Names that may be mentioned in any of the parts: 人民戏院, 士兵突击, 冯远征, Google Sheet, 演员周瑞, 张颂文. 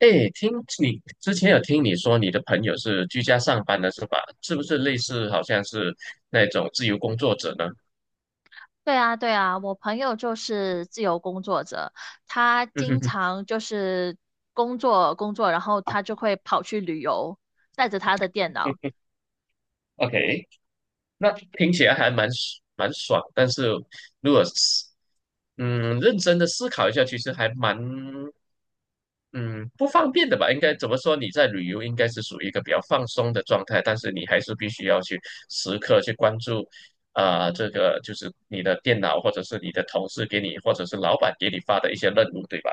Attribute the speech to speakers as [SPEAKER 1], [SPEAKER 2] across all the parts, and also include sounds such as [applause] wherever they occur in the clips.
[SPEAKER 1] 哎，你之前有听你说你的朋友是居家上班的是吧？是不是类似好像是那种自由工作者呢？
[SPEAKER 2] 对啊，对啊，我朋友就是自由工作者，他
[SPEAKER 1] 嗯哼
[SPEAKER 2] 经
[SPEAKER 1] 哼
[SPEAKER 2] 常就是工作工作，然后他就会跑去旅游，带着他的电脑。
[SPEAKER 1] 哼。OK。那听起来还蛮爽。但是如果是认真的思考一下，其实还蛮嗯，不方便的吧？应该怎么说？你在旅游应该是属于一个比较放松的状态，但是你还是必须要去时刻去关注，啊，这个就是你的电脑或者是你的同事给你，或者是老板给你发的一些任务，对吧？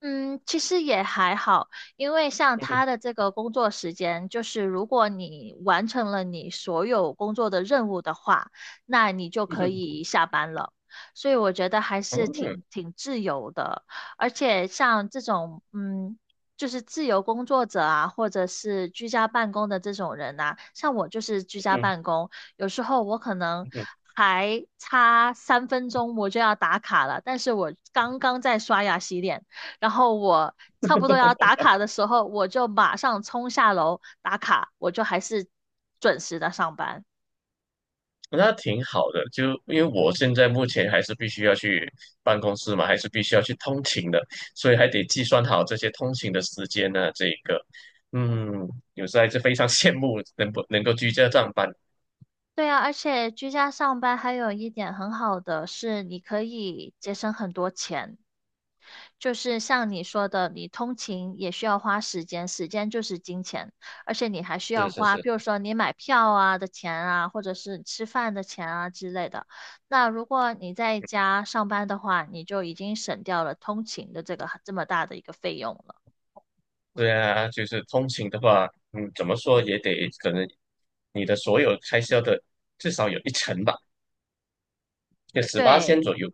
[SPEAKER 2] 嗯，其实也还好，因为像
[SPEAKER 1] 嗯哼。
[SPEAKER 2] 他的这个工作时间，就是如果你完成了你所有工作的任务的话，那你就
[SPEAKER 1] 嗯
[SPEAKER 2] 可
[SPEAKER 1] 哼。
[SPEAKER 2] 以下班了。所以我觉得还是
[SPEAKER 1] 嗯，
[SPEAKER 2] 挺自由的，而且像这种就是自由工作者啊，或者是居家办公的这种人呐、像我就是居家办公，有时候我可能。
[SPEAKER 1] 嗯。
[SPEAKER 2] 还差3分钟我就要打卡了，但是我刚刚在刷牙洗脸，然后我差不多要打卡的时候，我就马上冲下楼打卡，我就还是准时的上班。
[SPEAKER 1] 那挺好的，就因为我现在目前还是必须要去办公室嘛，还是必须要去通勤的，所以还得计算好这些通勤的时间呢。这个，嗯，有时候还是非常羡慕能不能够居家上班。
[SPEAKER 2] 对啊，而且居家上班还有一点很好的是，你可以节省很多钱。就是像你说的，你通勤也需要花时间，时间就是金钱，而且你还需要
[SPEAKER 1] 是是
[SPEAKER 2] 花，
[SPEAKER 1] 是。
[SPEAKER 2] 比如说你买票啊的钱啊，或者是吃饭的钱啊之类的。那如果你在家上班的话，你就已经省掉了通勤的这个这么大的一个费用了。
[SPEAKER 1] 对啊，就是通勤的话，怎么说也得可能你的所有开销的至少有一成吧，就18,000
[SPEAKER 2] 对，
[SPEAKER 1] 左右。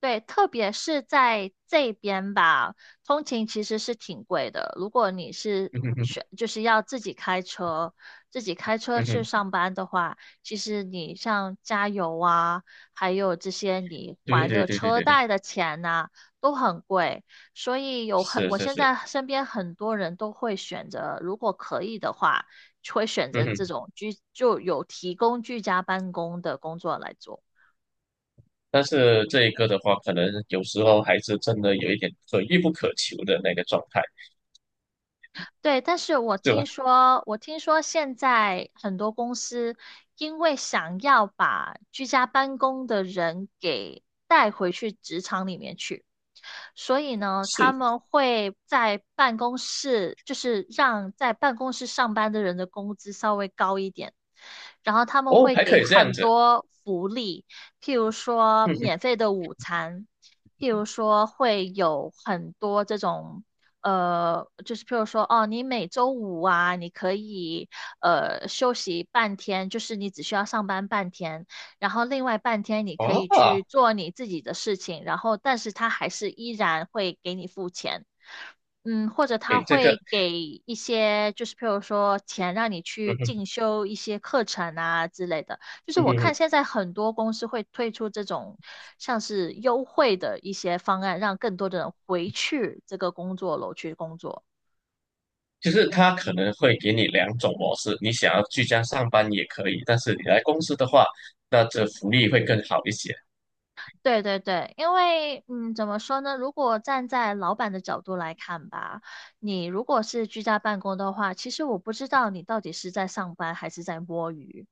[SPEAKER 2] 对，特别是在这边吧，通勤其实是挺贵的。如果你是
[SPEAKER 1] 嗯哼哼。
[SPEAKER 2] 选，就是要自己开车
[SPEAKER 1] 嗯
[SPEAKER 2] 去
[SPEAKER 1] 哼。
[SPEAKER 2] 上班的话，其实你像加油啊，还有这些你
[SPEAKER 1] 对
[SPEAKER 2] 还
[SPEAKER 1] 对
[SPEAKER 2] 的
[SPEAKER 1] 对对
[SPEAKER 2] 车
[SPEAKER 1] 对对。
[SPEAKER 2] 贷的钱呐、都很贵。所以
[SPEAKER 1] 是
[SPEAKER 2] 我
[SPEAKER 1] 是
[SPEAKER 2] 现
[SPEAKER 1] 是。
[SPEAKER 2] 在身边很多人都会选择，如果可以的话，会选
[SPEAKER 1] 嗯
[SPEAKER 2] 择
[SPEAKER 1] 哼。
[SPEAKER 2] 这种居，就有提供居家办公的工作来做。
[SPEAKER 1] 但是这一个的话，可能有时候还是真的有一点可遇不可求的那个状态，
[SPEAKER 2] 对，但是我
[SPEAKER 1] 对吧？
[SPEAKER 2] 听说，我听说现在很多公司因为想要把居家办公的人给带回去职场里面去。所以呢，他
[SPEAKER 1] 是。
[SPEAKER 2] 们会在办公室，就是让在办公室上班的人的工资稍微高一点，然后他们
[SPEAKER 1] 哦，
[SPEAKER 2] 会
[SPEAKER 1] 还
[SPEAKER 2] 给
[SPEAKER 1] 可以这样
[SPEAKER 2] 很
[SPEAKER 1] 子。
[SPEAKER 2] 多福利，譬如说
[SPEAKER 1] 嗯哼。
[SPEAKER 2] 免费的午餐，譬如说会有很多这种。就是譬如说，哦，你每周五啊，你可以休息半天，就是你只需要上班半天，然后另外半天你可以
[SPEAKER 1] 哇。
[SPEAKER 2] 去做你自己的事情，然后但是他还是依然会给你付钱，或者他
[SPEAKER 1] 诶，这个。
[SPEAKER 2] 会给一些就是譬如说钱让你
[SPEAKER 1] 嗯
[SPEAKER 2] 去
[SPEAKER 1] 哼。
[SPEAKER 2] 进修一些课程啊之类的，就是
[SPEAKER 1] 嗯
[SPEAKER 2] 我看
[SPEAKER 1] 哼。
[SPEAKER 2] 现在很多公司会推出这种像是优惠的一些方案，让更多的人回去这个工作楼去工作。
[SPEAKER 1] 就是他可能会给你两种模式，你想要居家上班也可以，但是你来公司的话，那这福利会更好一些。
[SPEAKER 2] 对对对，因为怎么说呢？如果站在老板的角度来看吧，你如果是居家办公的话，其实我不知道你到底是在上班还是在摸鱼。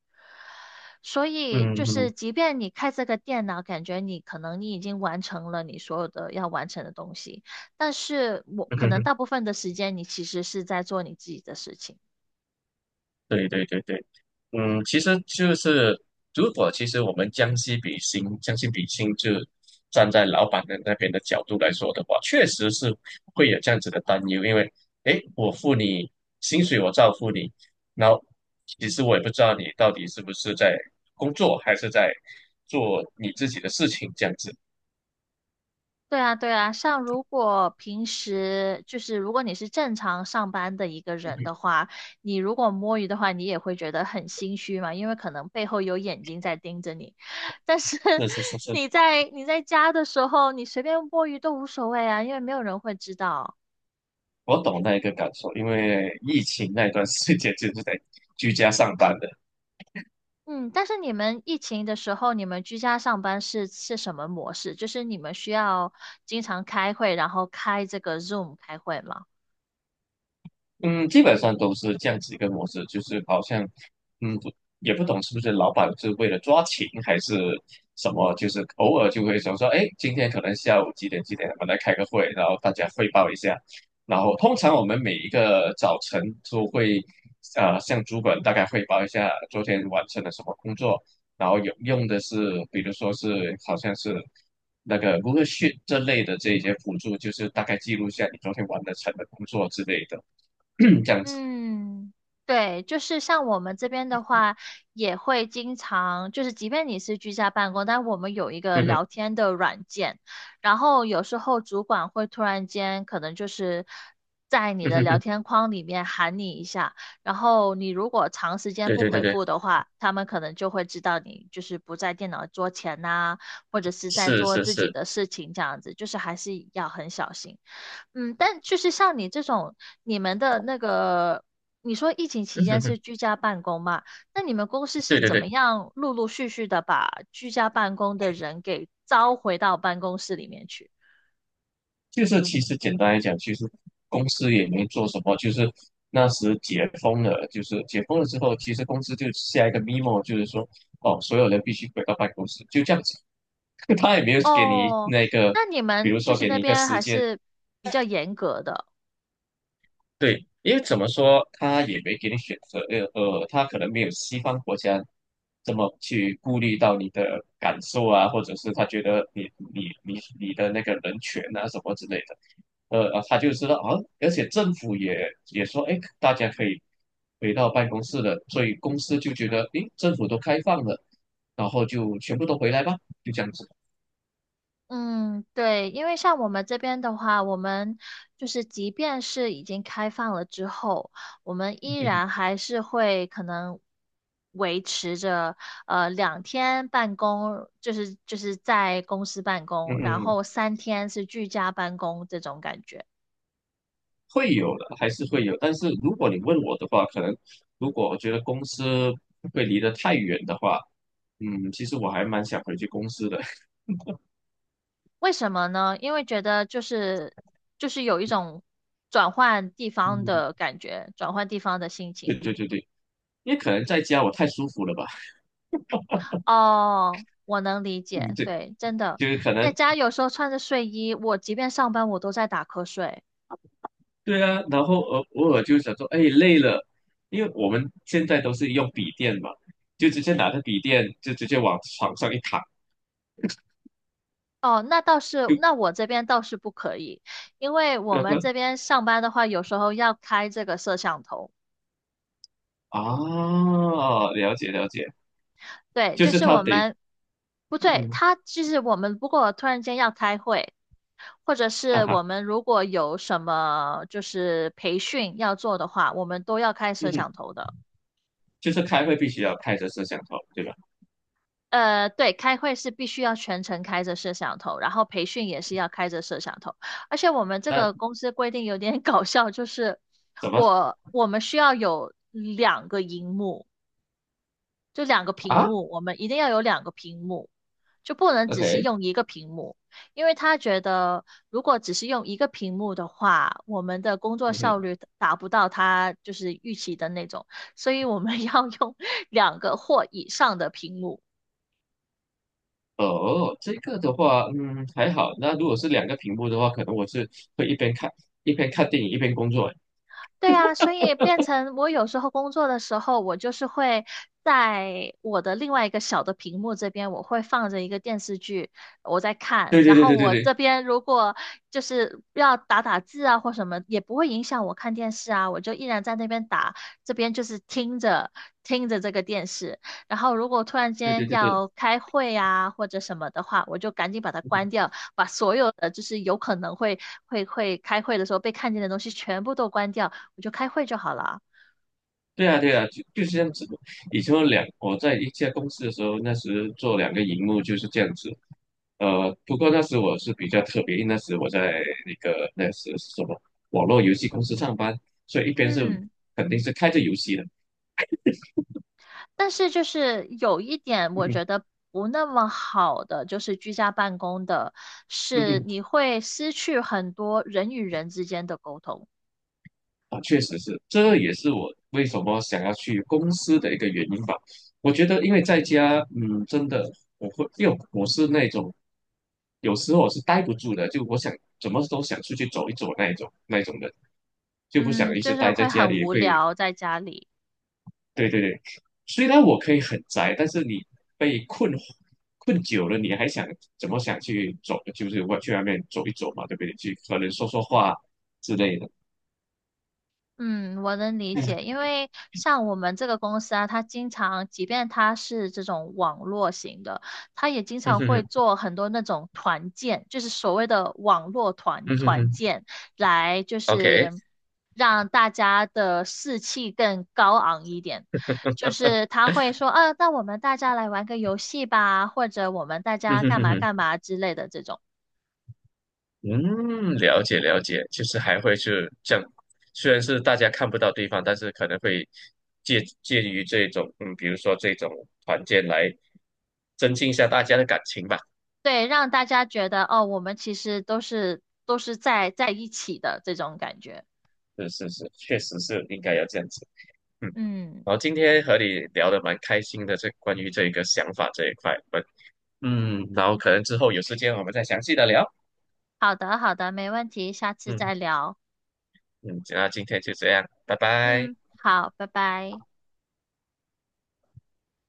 [SPEAKER 2] 所以就
[SPEAKER 1] 嗯，
[SPEAKER 2] 是，
[SPEAKER 1] 嗯。
[SPEAKER 2] 即便你开这个电脑，感觉你可能你已经完成了你所有的要完成的东西，但是我
[SPEAKER 1] 嗯
[SPEAKER 2] 可能
[SPEAKER 1] 哼。
[SPEAKER 2] 大部分的时间你其实是在做你自己的事情。
[SPEAKER 1] 对对对对，其实就是如果其实我们将心比心，就站在老板的那边的角度来说的话，确实是会有这样子的担忧。因为诶，我付你薪水，我照付你，然后其实我也不知道你到底是不是在工作，还是在做你自己的事情这样子。
[SPEAKER 2] 对啊，对啊，像如果平时就是如果你是正常上班的一个
[SPEAKER 1] 嗯
[SPEAKER 2] 人的话，你如果摸鱼的话，你也会觉得很心虚嘛，因为可能背后有眼睛在盯着你。但是
[SPEAKER 1] 哼。
[SPEAKER 2] [laughs]
[SPEAKER 1] 是是是是。
[SPEAKER 2] 你在家的时候，你随便摸鱼都无所谓啊，因为没有人会知道。
[SPEAKER 1] 我懂那一个感受，因为疫情那段时间就是在居家上班的。
[SPEAKER 2] 嗯，但是你们疫情的时候，你们居家上班是什么模式？就是你们需要经常开会，然后开这个 Zoom 开会吗？
[SPEAKER 1] 嗯，基本上都是这样子一个模式，就是好像，不也不懂是不是老板是为了抓勤还是什么，就是偶尔就会说说，哎，今天可能下午几点几点我们来开个会，然后大家汇报一下。然后通常我们每一个早晨都会，向主管大概汇报一下昨天完成了什么工作，然后有用的是，比如说是好像是那个 Google Sheet 这类的这一些辅助，就是大概记录一下你昨天完的成的工作之类的。[clears throat] 这样子。
[SPEAKER 2] 嗯，对，就是像我们这边的话，也会经常，就是即便你是居家办公，但我们有一个
[SPEAKER 1] 嗯哼。
[SPEAKER 2] 聊天的软件，然后有时候主管会突然间可能就是在你
[SPEAKER 1] 嗯
[SPEAKER 2] 的
[SPEAKER 1] 哼
[SPEAKER 2] 聊
[SPEAKER 1] 哼。
[SPEAKER 2] 天框里面喊你一下，然后你如果长时间
[SPEAKER 1] 对
[SPEAKER 2] 不
[SPEAKER 1] 对对
[SPEAKER 2] 回
[SPEAKER 1] 对。
[SPEAKER 2] 复的话，他们可能就会知道你就是不在电脑桌前呐，或者是在
[SPEAKER 1] 是
[SPEAKER 2] 做
[SPEAKER 1] 是
[SPEAKER 2] 自己
[SPEAKER 1] 是。
[SPEAKER 2] 的事情这样子，就是还是要很小心。但就是像你这种，你们的那个，你说疫情期
[SPEAKER 1] 嗯
[SPEAKER 2] 间
[SPEAKER 1] 哼哼。
[SPEAKER 2] 是居家办公嘛？那你们公司是
[SPEAKER 1] 对对
[SPEAKER 2] 怎么
[SPEAKER 1] 对，
[SPEAKER 2] 样陆陆续续的把居家办公的人给招回到办公室里面去？
[SPEAKER 1] 就是其实简单来讲，其实公司也没做什么，就是那时解封了，就是解封了之后，其实公司就下一个 memo，就是说哦，所有人必须回到办公室，就这样子。[laughs] 他也没有给你
[SPEAKER 2] 哦，
[SPEAKER 1] 那个，
[SPEAKER 2] 那你
[SPEAKER 1] 比
[SPEAKER 2] 们
[SPEAKER 1] 如
[SPEAKER 2] 就
[SPEAKER 1] 说
[SPEAKER 2] 是
[SPEAKER 1] 给
[SPEAKER 2] 那
[SPEAKER 1] 你一个
[SPEAKER 2] 边
[SPEAKER 1] 时
[SPEAKER 2] 还
[SPEAKER 1] 间。
[SPEAKER 2] 是比较严格的。
[SPEAKER 1] 对，因为怎么说，他也没给你选择，他可能没有西方国家这么去顾虑到你的感受啊，或者是他觉得你的那个人权啊什么之类的，他就知道啊，而且政府也说，哎，大家可以回到办公室了，所以公司就觉得，诶，政府都开放了，然后就全部都回来吧，就这样子。
[SPEAKER 2] 嗯，对，因为像我们这边的话，我们就是即便是已经开放了之后，我们依然
[SPEAKER 1] [laughs]
[SPEAKER 2] 还是会可能维持着2天办公，就是在公司办
[SPEAKER 1] 嗯
[SPEAKER 2] 公，然
[SPEAKER 1] 哼。
[SPEAKER 2] 后3天是居家办公这种感觉。
[SPEAKER 1] 会有的，还是会有。但是如果你问我的话，可能如果我觉得公司会离得太远的话，其实我还蛮想回去公司的。
[SPEAKER 2] 为什么呢？因为觉得就是有一种转换地
[SPEAKER 1] [laughs]
[SPEAKER 2] 方
[SPEAKER 1] 嗯，
[SPEAKER 2] 的感觉，转换地方的心情。
[SPEAKER 1] 对对对对，因为可能在家我太舒服了吧。
[SPEAKER 2] 哦，我能理
[SPEAKER 1] 嗯，
[SPEAKER 2] 解，
[SPEAKER 1] 对，
[SPEAKER 2] 对，真的，
[SPEAKER 1] 就是可
[SPEAKER 2] 在
[SPEAKER 1] 能
[SPEAKER 2] 家有时候穿着睡衣，我即便上班，我都在打瞌睡。
[SPEAKER 1] 对啊。然后偶尔就想说，哎，累了，因为我们现在都是用笔电嘛，就直接拿着笔电就直接往床上一躺，
[SPEAKER 2] 哦，那倒是，那
[SPEAKER 1] 就
[SPEAKER 2] 我这边倒是不可以，因为我
[SPEAKER 1] 那
[SPEAKER 2] 们
[SPEAKER 1] 个
[SPEAKER 2] 这边上班的话，有时候要开这个摄像头。
[SPEAKER 1] 啊。了解了解。
[SPEAKER 2] 对，
[SPEAKER 1] 就
[SPEAKER 2] 就
[SPEAKER 1] 是
[SPEAKER 2] 是
[SPEAKER 1] 他
[SPEAKER 2] 我
[SPEAKER 1] 得
[SPEAKER 2] 们，不对，
[SPEAKER 1] 嗯。
[SPEAKER 2] 他就是我们，如果突然间要开会，或者
[SPEAKER 1] 啊
[SPEAKER 2] 是
[SPEAKER 1] 哈。
[SPEAKER 2] 我们如果有什么就是培训要做的话，我们都要开摄像
[SPEAKER 1] 嗯。
[SPEAKER 2] 头的。
[SPEAKER 1] 就是开会必须要开着摄像头，对吧？
[SPEAKER 2] 对，开会是必须要全程开着摄像头，然后培训也是要开着摄像头。而且我们这个
[SPEAKER 1] 那
[SPEAKER 2] 公司规定有点 [laughs] 搞笑，就是
[SPEAKER 1] 怎么
[SPEAKER 2] 我们需要有2个荧幕，就两个屏
[SPEAKER 1] 啊
[SPEAKER 2] 幕，我们一定要有两个屏幕，就不能只是
[SPEAKER 1] ？OK。
[SPEAKER 2] 用一个屏幕，因为他觉得如果只是用一个屏幕的话，我们的工作
[SPEAKER 1] 嗯
[SPEAKER 2] 效
[SPEAKER 1] 哼。
[SPEAKER 2] 率达不到他就是预期的那种，所以我们 [laughs] 要用2个或以上的屏幕。
[SPEAKER 1] 哦，这个的话，还好。那如果是两个屏幕的话，可能我是会一边看电影一边工作。
[SPEAKER 2] 对啊，所以变成我有时候工作的时候，我就是会在我的另外一个小的屏幕这边，我会放着一个电视剧，我在看。
[SPEAKER 1] 对
[SPEAKER 2] 然
[SPEAKER 1] 对对
[SPEAKER 2] 后
[SPEAKER 1] 对对
[SPEAKER 2] 我
[SPEAKER 1] 对
[SPEAKER 2] 这边如果就是要打打字啊或什么，也不会影响我看电视啊，我就依然在那边打，这边就是听着听着这个电视。然后如果突然
[SPEAKER 1] 对对
[SPEAKER 2] 间
[SPEAKER 1] 对对。
[SPEAKER 2] 要开会啊，或者什么的话，我就赶紧把它关掉，把所有的就是有可能会开会的时候被看见的东西全部都关掉，我就开会就好了。
[SPEAKER 1] 对啊对啊，就是这样子的。以前我在一家公司的时候，那时做两个荧幕就是这样子。不过那时我是比较特别，因为那时我在那个那时是什么网络游戏公司上班，所以一边是
[SPEAKER 2] 嗯，
[SPEAKER 1] 肯定是开着游戏的。
[SPEAKER 2] 但是就是有一点，
[SPEAKER 1] 嗯
[SPEAKER 2] 我
[SPEAKER 1] 哼。
[SPEAKER 2] 觉得不那么好的，就是居家办公的，
[SPEAKER 1] 嗯
[SPEAKER 2] 是
[SPEAKER 1] 哼。
[SPEAKER 2] 你会失去很多人与人之间的沟通。
[SPEAKER 1] 啊，确实是，这也是我为什么想要去公司的一个原因吧。我觉得，因为在家，真的。我会，因为我是那种有时候我是待不住的，就我想怎么都想出去走一走那一种人，就不想
[SPEAKER 2] 嗯，
[SPEAKER 1] 一直
[SPEAKER 2] 就是
[SPEAKER 1] 待在
[SPEAKER 2] 会
[SPEAKER 1] 家
[SPEAKER 2] 很
[SPEAKER 1] 里
[SPEAKER 2] 无
[SPEAKER 1] 会。
[SPEAKER 2] 聊在家里。
[SPEAKER 1] 对对对，虽然我可以很宅，但是你被困久了，你还想怎么想去走，就是去外面走一走嘛，对不对？去可能说说话之类的。
[SPEAKER 2] 嗯，我能理解，
[SPEAKER 1] 嗯。
[SPEAKER 2] 因为像我们这个公司啊，它经常，即便它是这种网络型的，它也经
[SPEAKER 1] 嗯
[SPEAKER 2] 常
[SPEAKER 1] 哼。
[SPEAKER 2] 会
[SPEAKER 1] 哼，
[SPEAKER 2] 做很多那种团建，就是所谓的网络团
[SPEAKER 1] 嗯哼
[SPEAKER 2] 团
[SPEAKER 1] 哼
[SPEAKER 2] 建，来就
[SPEAKER 1] ，OK。
[SPEAKER 2] 是让大家的士气更高昂一点。就是他会说，啊，那我们大家来玩个游戏吧，或者我们大
[SPEAKER 1] [laughs] 嗯
[SPEAKER 2] 家
[SPEAKER 1] 哼
[SPEAKER 2] 干
[SPEAKER 1] 哼
[SPEAKER 2] 嘛
[SPEAKER 1] 哼。
[SPEAKER 2] 干嘛之类的这种。
[SPEAKER 1] 嗯，了解了解，就是还会是这样，虽然是大家看不到对方，但是可能会借介于这种，比如说这种团建来增进一下大家的感情吧。
[SPEAKER 2] 对，让大家觉得哦，我们其实都是在一起的这种感觉。
[SPEAKER 1] 是是是，确实是应该要这样子。嗯，
[SPEAKER 2] 嗯，
[SPEAKER 1] 然后今天和你聊得蛮开心的，这关于这个想法这一块，我们然后可能之后有时间我们再详细的聊。
[SPEAKER 2] 好的，好的，没问题，下次
[SPEAKER 1] 嗯
[SPEAKER 2] 再聊。
[SPEAKER 1] 嗯。那今天就这样，拜拜。
[SPEAKER 2] 嗯，好，拜拜。